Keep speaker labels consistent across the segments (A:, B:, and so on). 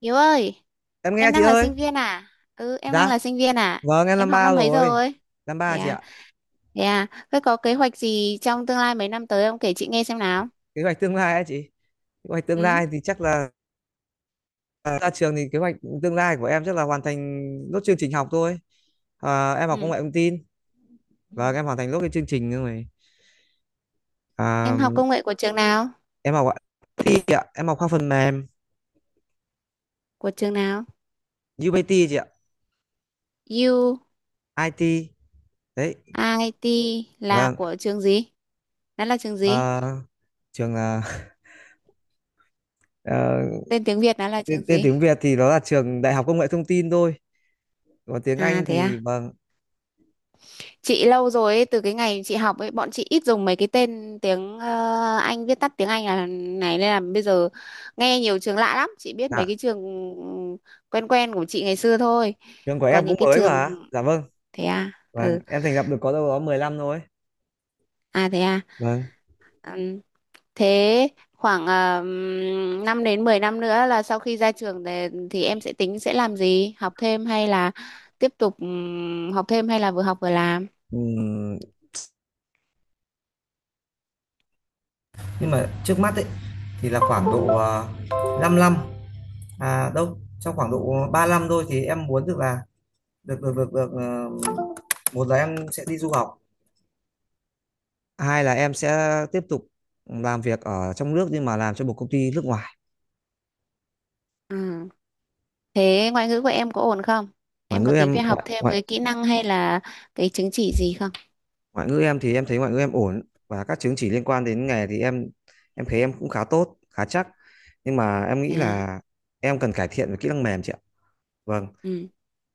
A: Hiếu ơi,
B: Em nghe
A: em
B: chị
A: đang là
B: ơi.
A: sinh viên à? Ừ, em đang
B: Dạ,
A: là sinh viên à?
B: vâng, em
A: Em
B: năm
A: học
B: ba
A: năm mấy
B: rồi.
A: rồi?
B: Năm
A: Thế
B: ba chị
A: à,
B: ạ.
A: thế à, thế có kế hoạch gì trong tương lai mấy năm tới không? Kể chị nghe xem nào.
B: Kế hoạch tương lai ấy chị? Kế hoạch tương
A: Ừ.
B: lai thì chắc là ra trường thì kế hoạch tương lai của em chắc là hoàn thành nốt chương trình học thôi. Em học công
A: Ừ.
B: nghệ thông tin
A: Ừ.
B: và em hoàn thành nốt cái chương trình rồi. à,
A: Em học công nghệ của trường nào?
B: em học IT chị ạ, em học khoa phần mềm.
A: Của trường nào?
B: UBT chị ạ.
A: U, I,
B: IT đấy,
A: UIT là
B: vâng.
A: của trường gì? Nó là trường gì?
B: à, trường là ờ,
A: Tên tiếng Việt nó là trường
B: tên
A: gì?
B: tiếng Việt thì nó là trường Đại học Công nghệ Thông tin thôi, còn tiếng
A: À
B: Anh
A: thế
B: thì
A: à?
B: vâng.
A: Chị lâu rồi ấy, từ cái ngày chị học ấy bọn chị ít dùng mấy cái tên tiếng Anh, viết tắt tiếng Anh là này, nên là bây giờ nghe nhiều trường lạ lắm, chị biết mấy
B: Dạ,
A: cái trường quen quen của chị ngày xưa thôi,
B: trường của
A: còn
B: em cũng
A: những cái, Dạ,
B: mới
A: trường,
B: mà, dạ vâng.
A: thế à.
B: Vâng,
A: Ừ.
B: em thành lập được có đâu đó 15 rồi.
A: À thế à.
B: Vâng.
A: Ừm, thế khoảng 5 đến 10 năm nữa là sau khi ra trường thì em sẽ tính sẽ làm gì, học thêm hay là tiếp tục học thêm hay là vừa học vừa làm?
B: Ừm, nhưng mà trước mắt ấy thì là khoảng độ 5 năm, à đâu trong khoảng độ 3 năm thôi, thì em muốn được là được được được được ờ, một là em sẽ đi du học, hai là em sẽ tiếp tục làm việc ở trong nước nhưng mà làm cho một công ty nước ngoài.
A: Ừ. Thế ngoại ngữ của em có ổn không?
B: Ngoại
A: Em có
B: ngữ
A: tính
B: em
A: phải học
B: ngoại
A: thêm
B: ngoại
A: cái kỹ năng hay là cái chứng chỉ gì không?
B: ngoại ngữ em thì em thấy ngoại ngữ em ổn, và các chứng chỉ liên quan đến nghề thì em thấy em cũng khá tốt, khá chắc. Nhưng mà em nghĩ
A: À.
B: là em cần cải thiện về kỹ năng mềm chị ạ. Vâng.
A: Ừ.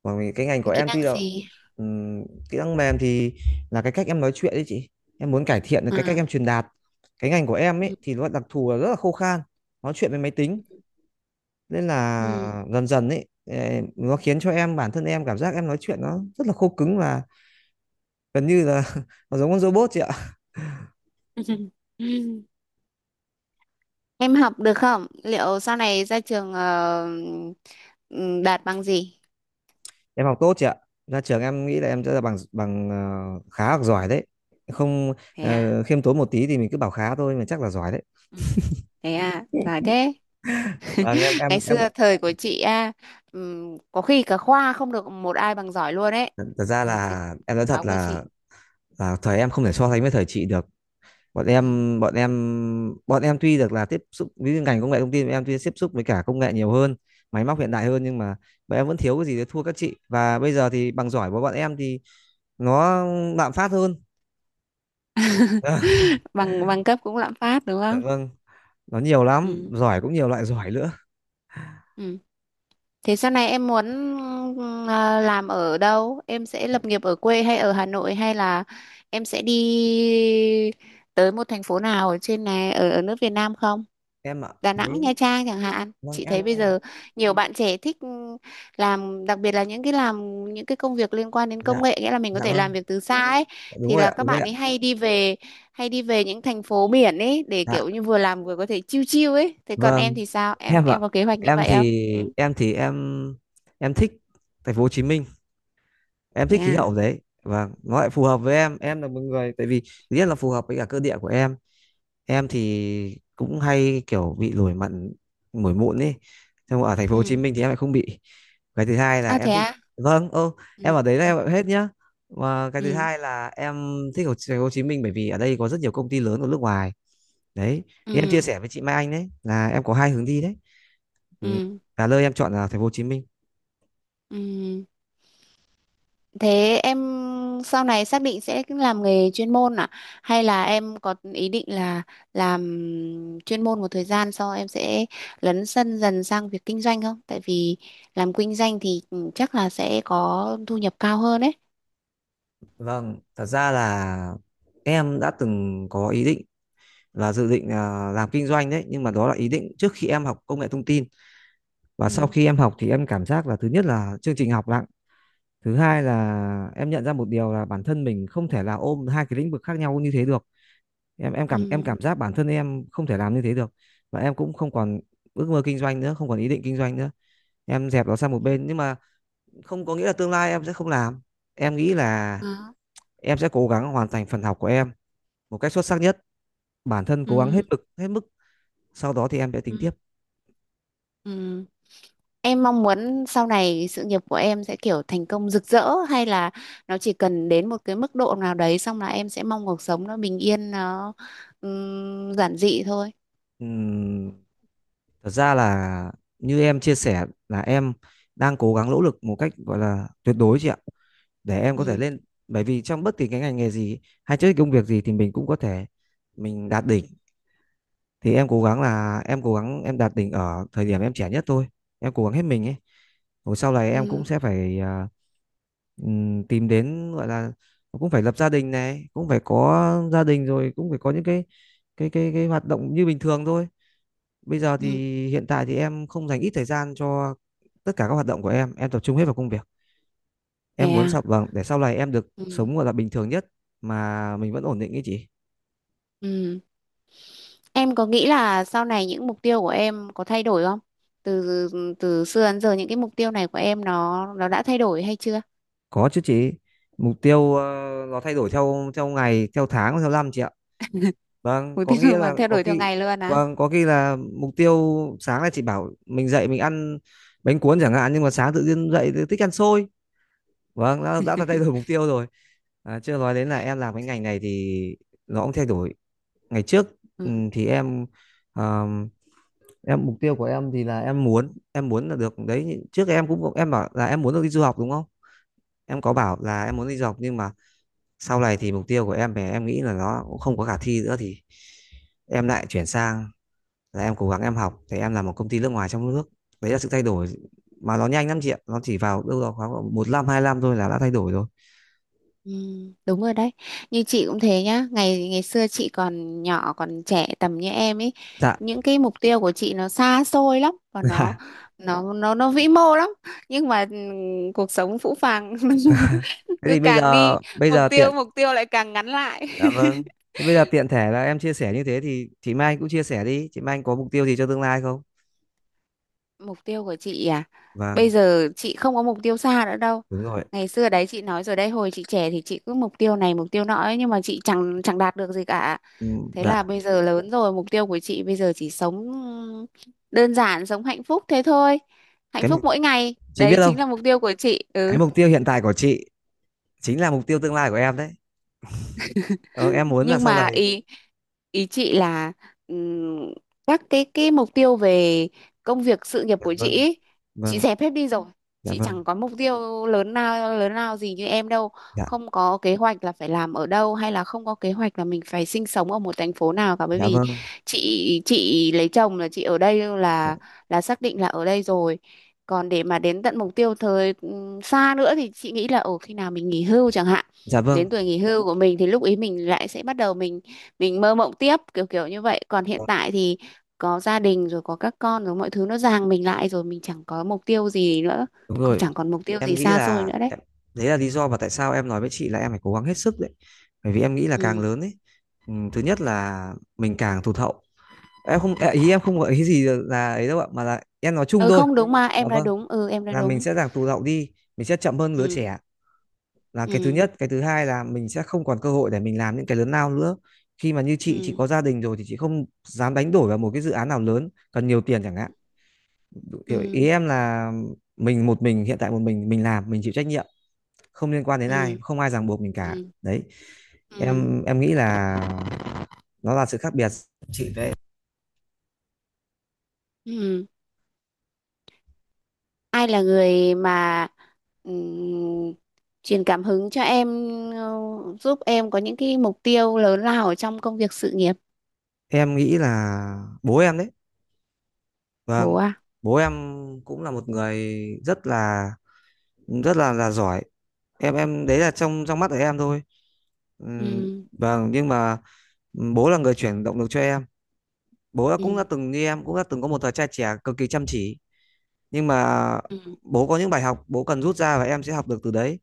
B: Còn vì cái ngành của
A: Kỹ
B: em
A: năng
B: tuy là
A: gì?
B: ừm, kỹ năng mềm thì là cái cách em nói chuyện đấy chị. Em muốn cải thiện được cái cách
A: À.
B: em truyền đạt. Cái ngành của em
A: Ừ.
B: ấy thì nó đặc thù là rất là khô khan, nói chuyện với máy tính, nên
A: Ừ.
B: là dần dần ấy nó khiến cho em bản thân em cảm giác em nói chuyện nó rất là khô cứng và gần như là nó giống con robot chị ạ.
A: Em học được không? Liệu sau này ra trường ừ, đạt bằng gì?
B: Em học tốt chị ạ. Ra trường em nghĩ là em sẽ là bằng bằng khá hoặc giỏi đấy. Không
A: Thế à?
B: khiêm tốn một tí thì mình cứ bảo khá thôi mà chắc là giỏi đấy.
A: Ừ. Thế à? Giỏi thế.
B: Vâng em em
A: Ngày
B: em
A: xưa thời của chị à, ừ, có khi cả khoa không được một ai bằng giỏi luôn ấy.
B: thật ra
A: Ngày xưa
B: là
A: kho-
B: em nói
A: Khóa
B: thật
A: của
B: là
A: chị.
B: à, thời em không thể so sánh với thời chị được. Bọn em
A: Ừ.
B: bọn em bọn em tuy được là tiếp xúc với ngành công nghệ thông tin, bọn em tuy tiếp xúc với cả công nghệ nhiều hơn, máy móc hiện đại hơn, nhưng mà bọn em vẫn thiếu cái gì để thua các chị. Và bây giờ thì bằng giỏi của bọn em thì nó lạm phát hơn.
A: bằng bằng cấp cũng lạm phát đúng
B: Dạ
A: không?
B: vâng, nó nhiều lắm,
A: Ừ.
B: giỏi cũng nhiều loại giỏi nữa.
A: Ừ. Thế sau này em muốn ờ, làm ở đâu? Em sẽ
B: Em,
A: lập nghiệp ở quê hay ở Hà Nội hay là em sẽ đi tới một thành phố nào ở trên này, ở ở nước Việt Nam không?
B: em ạ.
A: Đà Nẵng,
B: Đấy,
A: Nha Trang chẳng hạn.
B: vâng
A: Chị
B: em,
A: thấy bây giờ nhiều bạn trẻ thích làm, đặc biệt là những cái làm những cái công việc liên quan đến
B: dạ.
A: công nghệ, nghĩa là mình có
B: Dạ
A: thể làm
B: vâng,
A: việc từ xa ấy,
B: đúng
A: thì
B: rồi
A: là
B: ạ,
A: các
B: đúng rồi
A: bạn
B: ạ.
A: ấy hay đi về những thành phố biển ấy để
B: Dạ,
A: kiểu như vừa làm vừa có thể chill chill ấy. Thế còn em
B: vâng,
A: thì sao? Em
B: em ạ.
A: em có kế hoạch như
B: Em
A: vậy không?
B: thì
A: Ừ.
B: em thì em thích thành phố Hồ Chí Minh. Em
A: Thế
B: thích khí
A: à?
B: hậu đấy và nó lại phù hợp với em là một người, tại vì thứ nhất là phù hợp với cả cơ địa của em thì cũng hay kiểu bị nổi mẩn nổi mụn ấy, nhưng mà ở thành phố Hồ Chí
A: Ừ.
B: Minh thì em lại không bị. Cái thứ hai là
A: À
B: em thích,
A: thế.
B: vâng, ô
A: Ừ.
B: em ở đấy là
A: À.
B: em ở hết nhá. Và cái
A: Ừ.
B: thứ
A: Ừ.
B: hai là em thích ở thành phố Hồ Chí Minh bởi vì ở đây có rất nhiều công ty lớn ở nước ngoài đấy, thì em chia
A: Ừ.
B: sẻ với chị Mai Anh đấy là em có hai hướng đi đấy. Ừ,
A: Ừ.
B: là nơi em chọn là thành phố Hồ Chí Minh.
A: Ừ. Ừ. Thế em sau này xác định sẽ làm nghề chuyên môn à, hay là em có ý định là làm chuyên môn một thời gian sau em sẽ lấn sân dần sang việc kinh doanh không? Tại vì làm kinh doanh thì chắc là sẽ có thu nhập cao hơn đấy.
B: Vâng, thật ra là em đã từng có ý định là dự định làm kinh doanh đấy, nhưng mà đó là ý định trước khi em học công nghệ thông tin. Và sau
A: Ừ.
B: khi em học thì em cảm giác là thứ nhất là chương trình học nặng, thứ hai là em nhận ra một điều là bản thân mình không thể là ôm hai cái lĩnh vực khác nhau như thế được.
A: Ừ.
B: Cảm giác bản thân em không thể làm như thế được. Và em cũng không còn ước mơ kinh doanh nữa, không còn ý định kinh doanh nữa, em dẹp nó sang một
A: Ừ.
B: bên, nhưng mà không có nghĩa là tương lai em sẽ không làm. Em nghĩ là
A: Đó.
B: em sẽ cố gắng hoàn thành phần học của em một cách xuất sắc nhất, bản thân cố gắng hết
A: Ừ.
B: lực hết mức. Sau đó thì em sẽ tính
A: Ừ.
B: tiếp.
A: Ừ. Em mong muốn sau này sự nghiệp của em sẽ kiểu thành công rực rỡ, hay là nó chỉ cần đến một cái mức độ nào đấy xong là em sẽ mong cuộc sống nó bình yên, nó giản dị thôi.
B: Ừm, thật ra là như em chia sẻ là em đang cố gắng nỗ lực một cách gọi là tuyệt đối chị ạ, để em có thể
A: Ừ.
B: lên, bởi vì trong bất kỳ cái ngành nghề gì hay trước công việc gì thì mình cũng có thể mình đạt đỉnh, thì em cố gắng là em cố gắng em đạt đỉnh ở thời điểm em trẻ nhất thôi, em cố gắng hết mình ấy, rồi sau này em cũng
A: Ừ.
B: sẽ phải tìm đến gọi là cũng phải lập gia đình này, cũng phải có gia đình rồi cũng phải có những cái hoạt động như bình thường thôi. Bây giờ
A: Ừ.
B: thì hiện tại thì em không dành ít thời gian cho tất cả các hoạt động của em tập trung hết vào công việc. Em
A: Thế
B: muốn
A: à?
B: sau vâng để sau này em được
A: Ừ.
B: sống gọi là bình thường nhất mà mình vẫn ổn định ý chị.
A: Ừ. Em có nghĩ là sau này những mục tiêu của em có thay đổi không? Từ từ xưa đến giờ những cái mục tiêu này của em, nó đã thay đổi hay chưa?
B: Có chứ chị. Mục tiêu nó thay đổi theo theo ngày, theo tháng, theo năm chị ạ. Vâng,
A: Mục
B: có
A: tiêu
B: nghĩa
A: mà
B: là
A: thay
B: có
A: đổi theo
B: khi
A: ngày luôn à?
B: vâng, có khi là mục tiêu sáng là chị bảo mình dậy mình ăn bánh cuốn chẳng hạn, nhưng mà sáng tự nhiên dậy thì thích ăn xôi. Vâng, đã thay đổi mục tiêu rồi. À, chưa nói đến là em làm cái ngành này thì nó cũng thay đổi ngày trước. Ừ,
A: Ừ.
B: thì em ờ, em mục tiêu của em thì là em muốn là được đấy, trước em cũng em bảo là em muốn được đi du học đúng không, em có bảo là em muốn đi du học, nhưng mà sau này thì mục tiêu của em về em nghĩ là nó cũng không có khả thi nữa, thì em lại chuyển sang là em cố gắng em học thì em làm một công ty nước ngoài trong nước. Đấy là sự thay đổi mà nó nhanh lắm chị ạ, nó chỉ vào đâu đó khoảng 1 năm 2 năm thôi là đã thay đổi rồi.
A: Ừ, đúng rồi đấy, như chị cũng thế nhá. Ngày ngày xưa chị còn nhỏ còn trẻ tầm như em ấy,
B: Dạ.
A: những cái mục tiêu của chị nó xa xôi lắm, và nó nó nó nó vĩ mô lắm, nhưng mà ừ, cuộc sống phũ phàng.
B: Thế
A: Cứ
B: thì bây
A: càng đi,
B: giờ bây
A: mục
B: giờ tiện.
A: tiêu mục tiêu lại càng ngắn lại.
B: Dạ vâng. Thế bây giờ tiện thể là em chia sẻ như thế thì chị Mai Anh cũng chia sẻ đi. Chị Mai Anh có mục tiêu gì cho tương lai không?
A: Mục tiêu của chị à? Bây
B: Vâng,
A: giờ chị không có mục tiêu xa nữa đâu.
B: đúng rồi.
A: Ngày xưa đấy chị nói rồi đấy, hồi chị trẻ thì chị cứ mục tiêu này mục tiêu nọ ấy, nhưng mà chị chẳng chẳng đạt được gì cả.
B: Ừ,
A: Thế
B: dạ.
A: là bây giờ lớn rồi, mục tiêu của chị bây giờ chỉ sống đơn giản, sống hạnh phúc thế thôi. Hạnh
B: Cái mục,
A: phúc mỗi ngày,
B: chị biết
A: đấy
B: không?
A: chính là mục tiêu của chị.
B: Cái
A: Ừ.
B: mục tiêu hiện tại của chị chính là mục tiêu tương lai của em đấy. Ờ, em muốn là
A: Nhưng
B: sau
A: mà
B: này.
A: ý ý chị là ừm, các cái mục tiêu về công việc sự nghiệp
B: Dạ
A: của chị
B: vâng.
A: ý, chị
B: Vâng.
A: dẹp hết đi rồi,
B: Dạ
A: chị chẳng
B: vâng.
A: có mục tiêu lớn nào gì như em đâu,
B: Dạ.
A: không có kế hoạch là phải làm ở đâu hay là không có kế hoạch là mình phải sinh sống ở một thành phố nào cả, bởi
B: Dạ
A: vì
B: vâng.
A: chị lấy chồng là chị ở đây,
B: Dạ,
A: là xác định là ở đây rồi. Còn để mà đến tận mục tiêu thời xa nữa thì chị nghĩ là ở khi nào mình nghỉ hưu chẳng hạn,
B: dạ vâng.
A: đến tuổi nghỉ hưu của mình thì lúc ý mình lại sẽ bắt đầu mình mơ mộng tiếp kiểu kiểu như vậy. Còn hiện
B: Dạ,
A: tại thì có gia đình rồi, có các con rồi, mọi thứ nó ràng mình lại rồi, mình chẳng có mục tiêu gì nữa,
B: đúng
A: cũng
B: rồi.
A: chẳng còn mục tiêu
B: Em
A: gì
B: nghĩ
A: xa xôi
B: là
A: nữa đấy.
B: em, đấy là lý do mà tại sao em nói với chị là em phải cố gắng hết sức đấy. Bởi vì em nghĩ là càng
A: Ừ.
B: lớn ấy, ừ, thứ nhất là mình càng tụt hậu. Em không à, ý em không gợi ý gì là ấy đâu ạ, mà là em nói chung
A: Ừ,
B: thôi,
A: không đúng, mà
B: dạ
A: em nói
B: vâng,
A: đúng. Ừ, em nói
B: là mình
A: đúng.
B: sẽ giảm tụt hậu đi, mình sẽ chậm hơn lứa
A: Ừ.
B: trẻ, là cái thứ
A: Ừ.
B: nhất. Cái thứ hai là mình sẽ không còn cơ hội để mình làm những cái lớn lao nữa, khi mà như chị
A: Ừ.
B: có gia đình rồi thì chị không dám đánh đổi vào một cái dự án nào lớn cần nhiều tiền chẳng hạn. Kiểu ý
A: Ừ.
B: em là mình một mình, hiện tại một mình làm mình chịu trách nhiệm, không liên quan đến ai,
A: Ừ.
B: không ai ràng buộc mình cả
A: Ừ.
B: đấy. em
A: Ừ.
B: em nghĩ là nó là sự khác biệt chị đấy.
A: Ừ. Ai là người mà ừm, truyền cảm hứng cho em, ờ, giúp em có những cái mục tiêu lớn lao ở trong công việc sự nghiệp?
B: Em nghĩ là bố em đấy. Vâng,
A: Bố à?
B: bố em cũng là một người rất là là giỏi. Em đấy là trong trong mắt của em thôi. Ừm,
A: Ừ.
B: vâng, nhưng mà bố là người chuyển động lực cho em. Bố đã cũng đã
A: Ừ.
B: từng như em, cũng đã từng có một thời trai trẻ cực kỳ chăm chỉ. Nhưng mà
A: Ừ.
B: bố có những bài học bố cần rút ra và em sẽ học được từ đấy.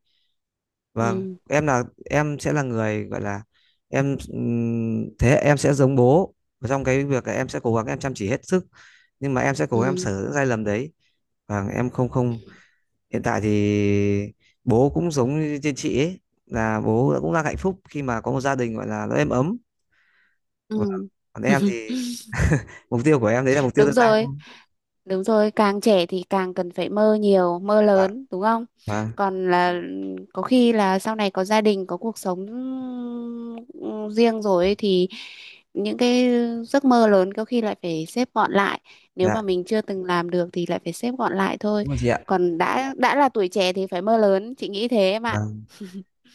B: Vâng,
A: Ừ.
B: em là em sẽ là người gọi là em, thế em sẽ giống bố. Và trong cái việc là em sẽ cố gắng em chăm chỉ hết sức, nhưng mà em sẽ cố gắng em
A: Ừ.
B: sửa những sai lầm đấy. Vâng, em không không hiện tại thì bố cũng giống như trên chị ấy là bố cũng đang hạnh phúc khi mà có một gia đình gọi là nó êm ấm.
A: Ừ.
B: Vâng. Còn em thì mục tiêu của em đấy là mục tiêu
A: Đúng
B: tương lai
A: rồi,
B: thôi.
A: đúng rồi, càng trẻ thì càng cần phải mơ nhiều mơ
B: Vâng,
A: lớn đúng không?
B: vâng,
A: Còn là có khi là sau này có gia đình, có cuộc sống ừ, riêng rồi ấy, thì những cái giấc mơ lớn có khi lại phải xếp gọn lại, nếu
B: dạ,
A: mà mình chưa từng làm được thì lại phải xếp gọn lại thôi.
B: đúng rồi chị ạ.
A: Còn đã là tuổi trẻ thì phải mơ lớn, chị nghĩ thế em ạ.
B: Vâng,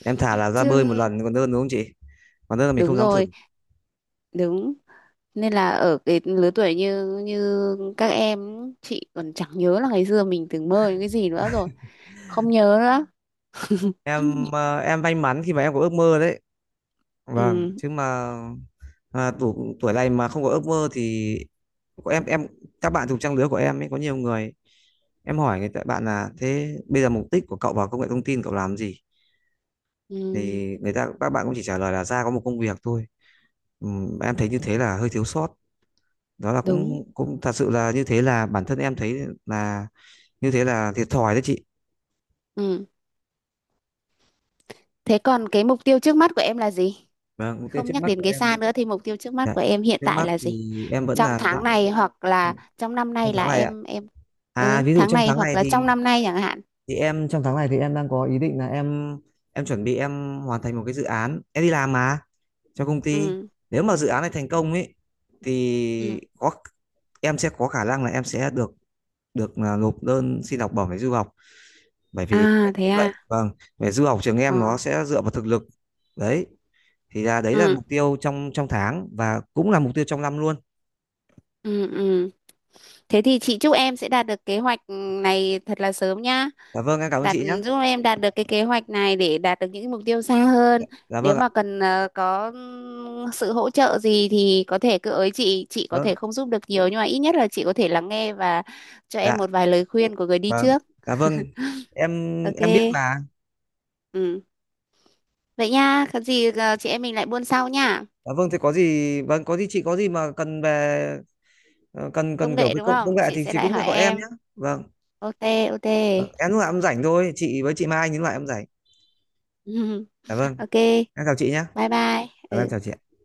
B: em thả là ra
A: Chứ
B: bơi một lần còn hơn đúng không chị? Còn hơn là mình
A: đúng
B: không dám thử.
A: rồi, đúng, nên là ở cái lứa tuổi như như các em, chị còn chẳng nhớ là ngày xưa mình từng mơ những cái gì nữa rồi, không nhớ nữa.
B: Em may mắn khi mà em có ước mơ đấy. Vâng,
A: Ừ,
B: chứ mà tuổi tuổi này mà không có ước mơ thì có em các bạn cùng trang lứa của em ấy có nhiều người, em hỏi người ta bạn là thế bây giờ mục đích của cậu vào công nghệ thông tin cậu làm gì,
A: ừ,
B: thì người ta các bạn cũng chỉ trả lời là ra có một công việc thôi. Em thấy như thế là hơi thiếu sót, đó là
A: đúng,
B: cũng cũng thật sự là như thế, là bản thân em thấy là như thế là thiệt thòi đấy chị.
A: ừ. Thế còn cái mục tiêu trước mắt của em là gì?
B: Vâng, mục tiêu
A: Không
B: trước
A: nhắc
B: mắt
A: đến
B: của
A: cái
B: em
A: xa nữa thì mục tiêu trước mắt
B: đấy.
A: của em hiện
B: Trước
A: tại
B: mắt
A: là
B: thì
A: gì?
B: em vẫn
A: Trong
B: là, dạ,
A: tháng này hoặc là trong năm
B: trong
A: nay là
B: tháng này ạ?
A: em.
B: À,
A: Ừ,
B: ví dụ
A: tháng
B: trong
A: này
B: tháng
A: hoặc
B: này
A: là trong năm nay chẳng hạn.
B: thì em trong tháng này thì em đang có ý định là em chuẩn bị em hoàn thành một cái dự án em đi làm mà cho công ty,
A: Ừ.
B: nếu mà dự án này thành công ấy
A: Ừ.
B: thì có em sẽ có khả năng là em sẽ được được là nộp đơn xin học bổng để du học, bởi vì
A: À
B: em
A: thế
B: thấy vậy,
A: à.
B: vâng, về du học trường
A: Ờ.
B: em nó sẽ dựa vào thực lực đấy, thì là đấy là
A: Ừ.
B: mục tiêu trong trong tháng và cũng là mục tiêu trong năm luôn.
A: Ừ. Ừ. Thế thì chị chúc em sẽ đạt được kế hoạch này thật là sớm nhá,
B: Dạ vâng, em cảm ơn
A: đạt,
B: chị nhé.
A: giúp em đạt được cái kế hoạch này để đạt được những mục tiêu xa hơn.
B: Dạ
A: Nếu
B: vâng ạ.
A: mà cần có sự hỗ trợ gì thì có thể cứ ới chị có thể
B: Vâng,
A: không giúp được nhiều nhưng mà ít nhất là chị có thể lắng nghe và cho
B: dạ.
A: em một vài lời khuyên của người đi
B: Vâng,
A: trước.
B: dạ vâng, em
A: OK.
B: em biết mà.
A: Ừ. Vậy nha, có gì chị em mình lại buôn sau nha.
B: Dạ vâng, thế có gì, vâng, có gì chị có gì mà cần về cần
A: Công
B: cần kiểu
A: nghệ
B: cái
A: đúng
B: công công
A: không,
B: nghệ
A: chị
B: thì
A: sẽ
B: chị
A: lại
B: cũng phải
A: hỏi
B: gọi em nhé.
A: em.
B: Vâng,
A: OK. OK.
B: vâng, em lúc nào em rảnh thôi, chị với chị Mai những lúc em rảnh. Dạ vâng,
A: OK.
B: em chào chị nhé.
A: Bye bye.
B: Dạ
A: Ừ.
B: vâng, em chào chị.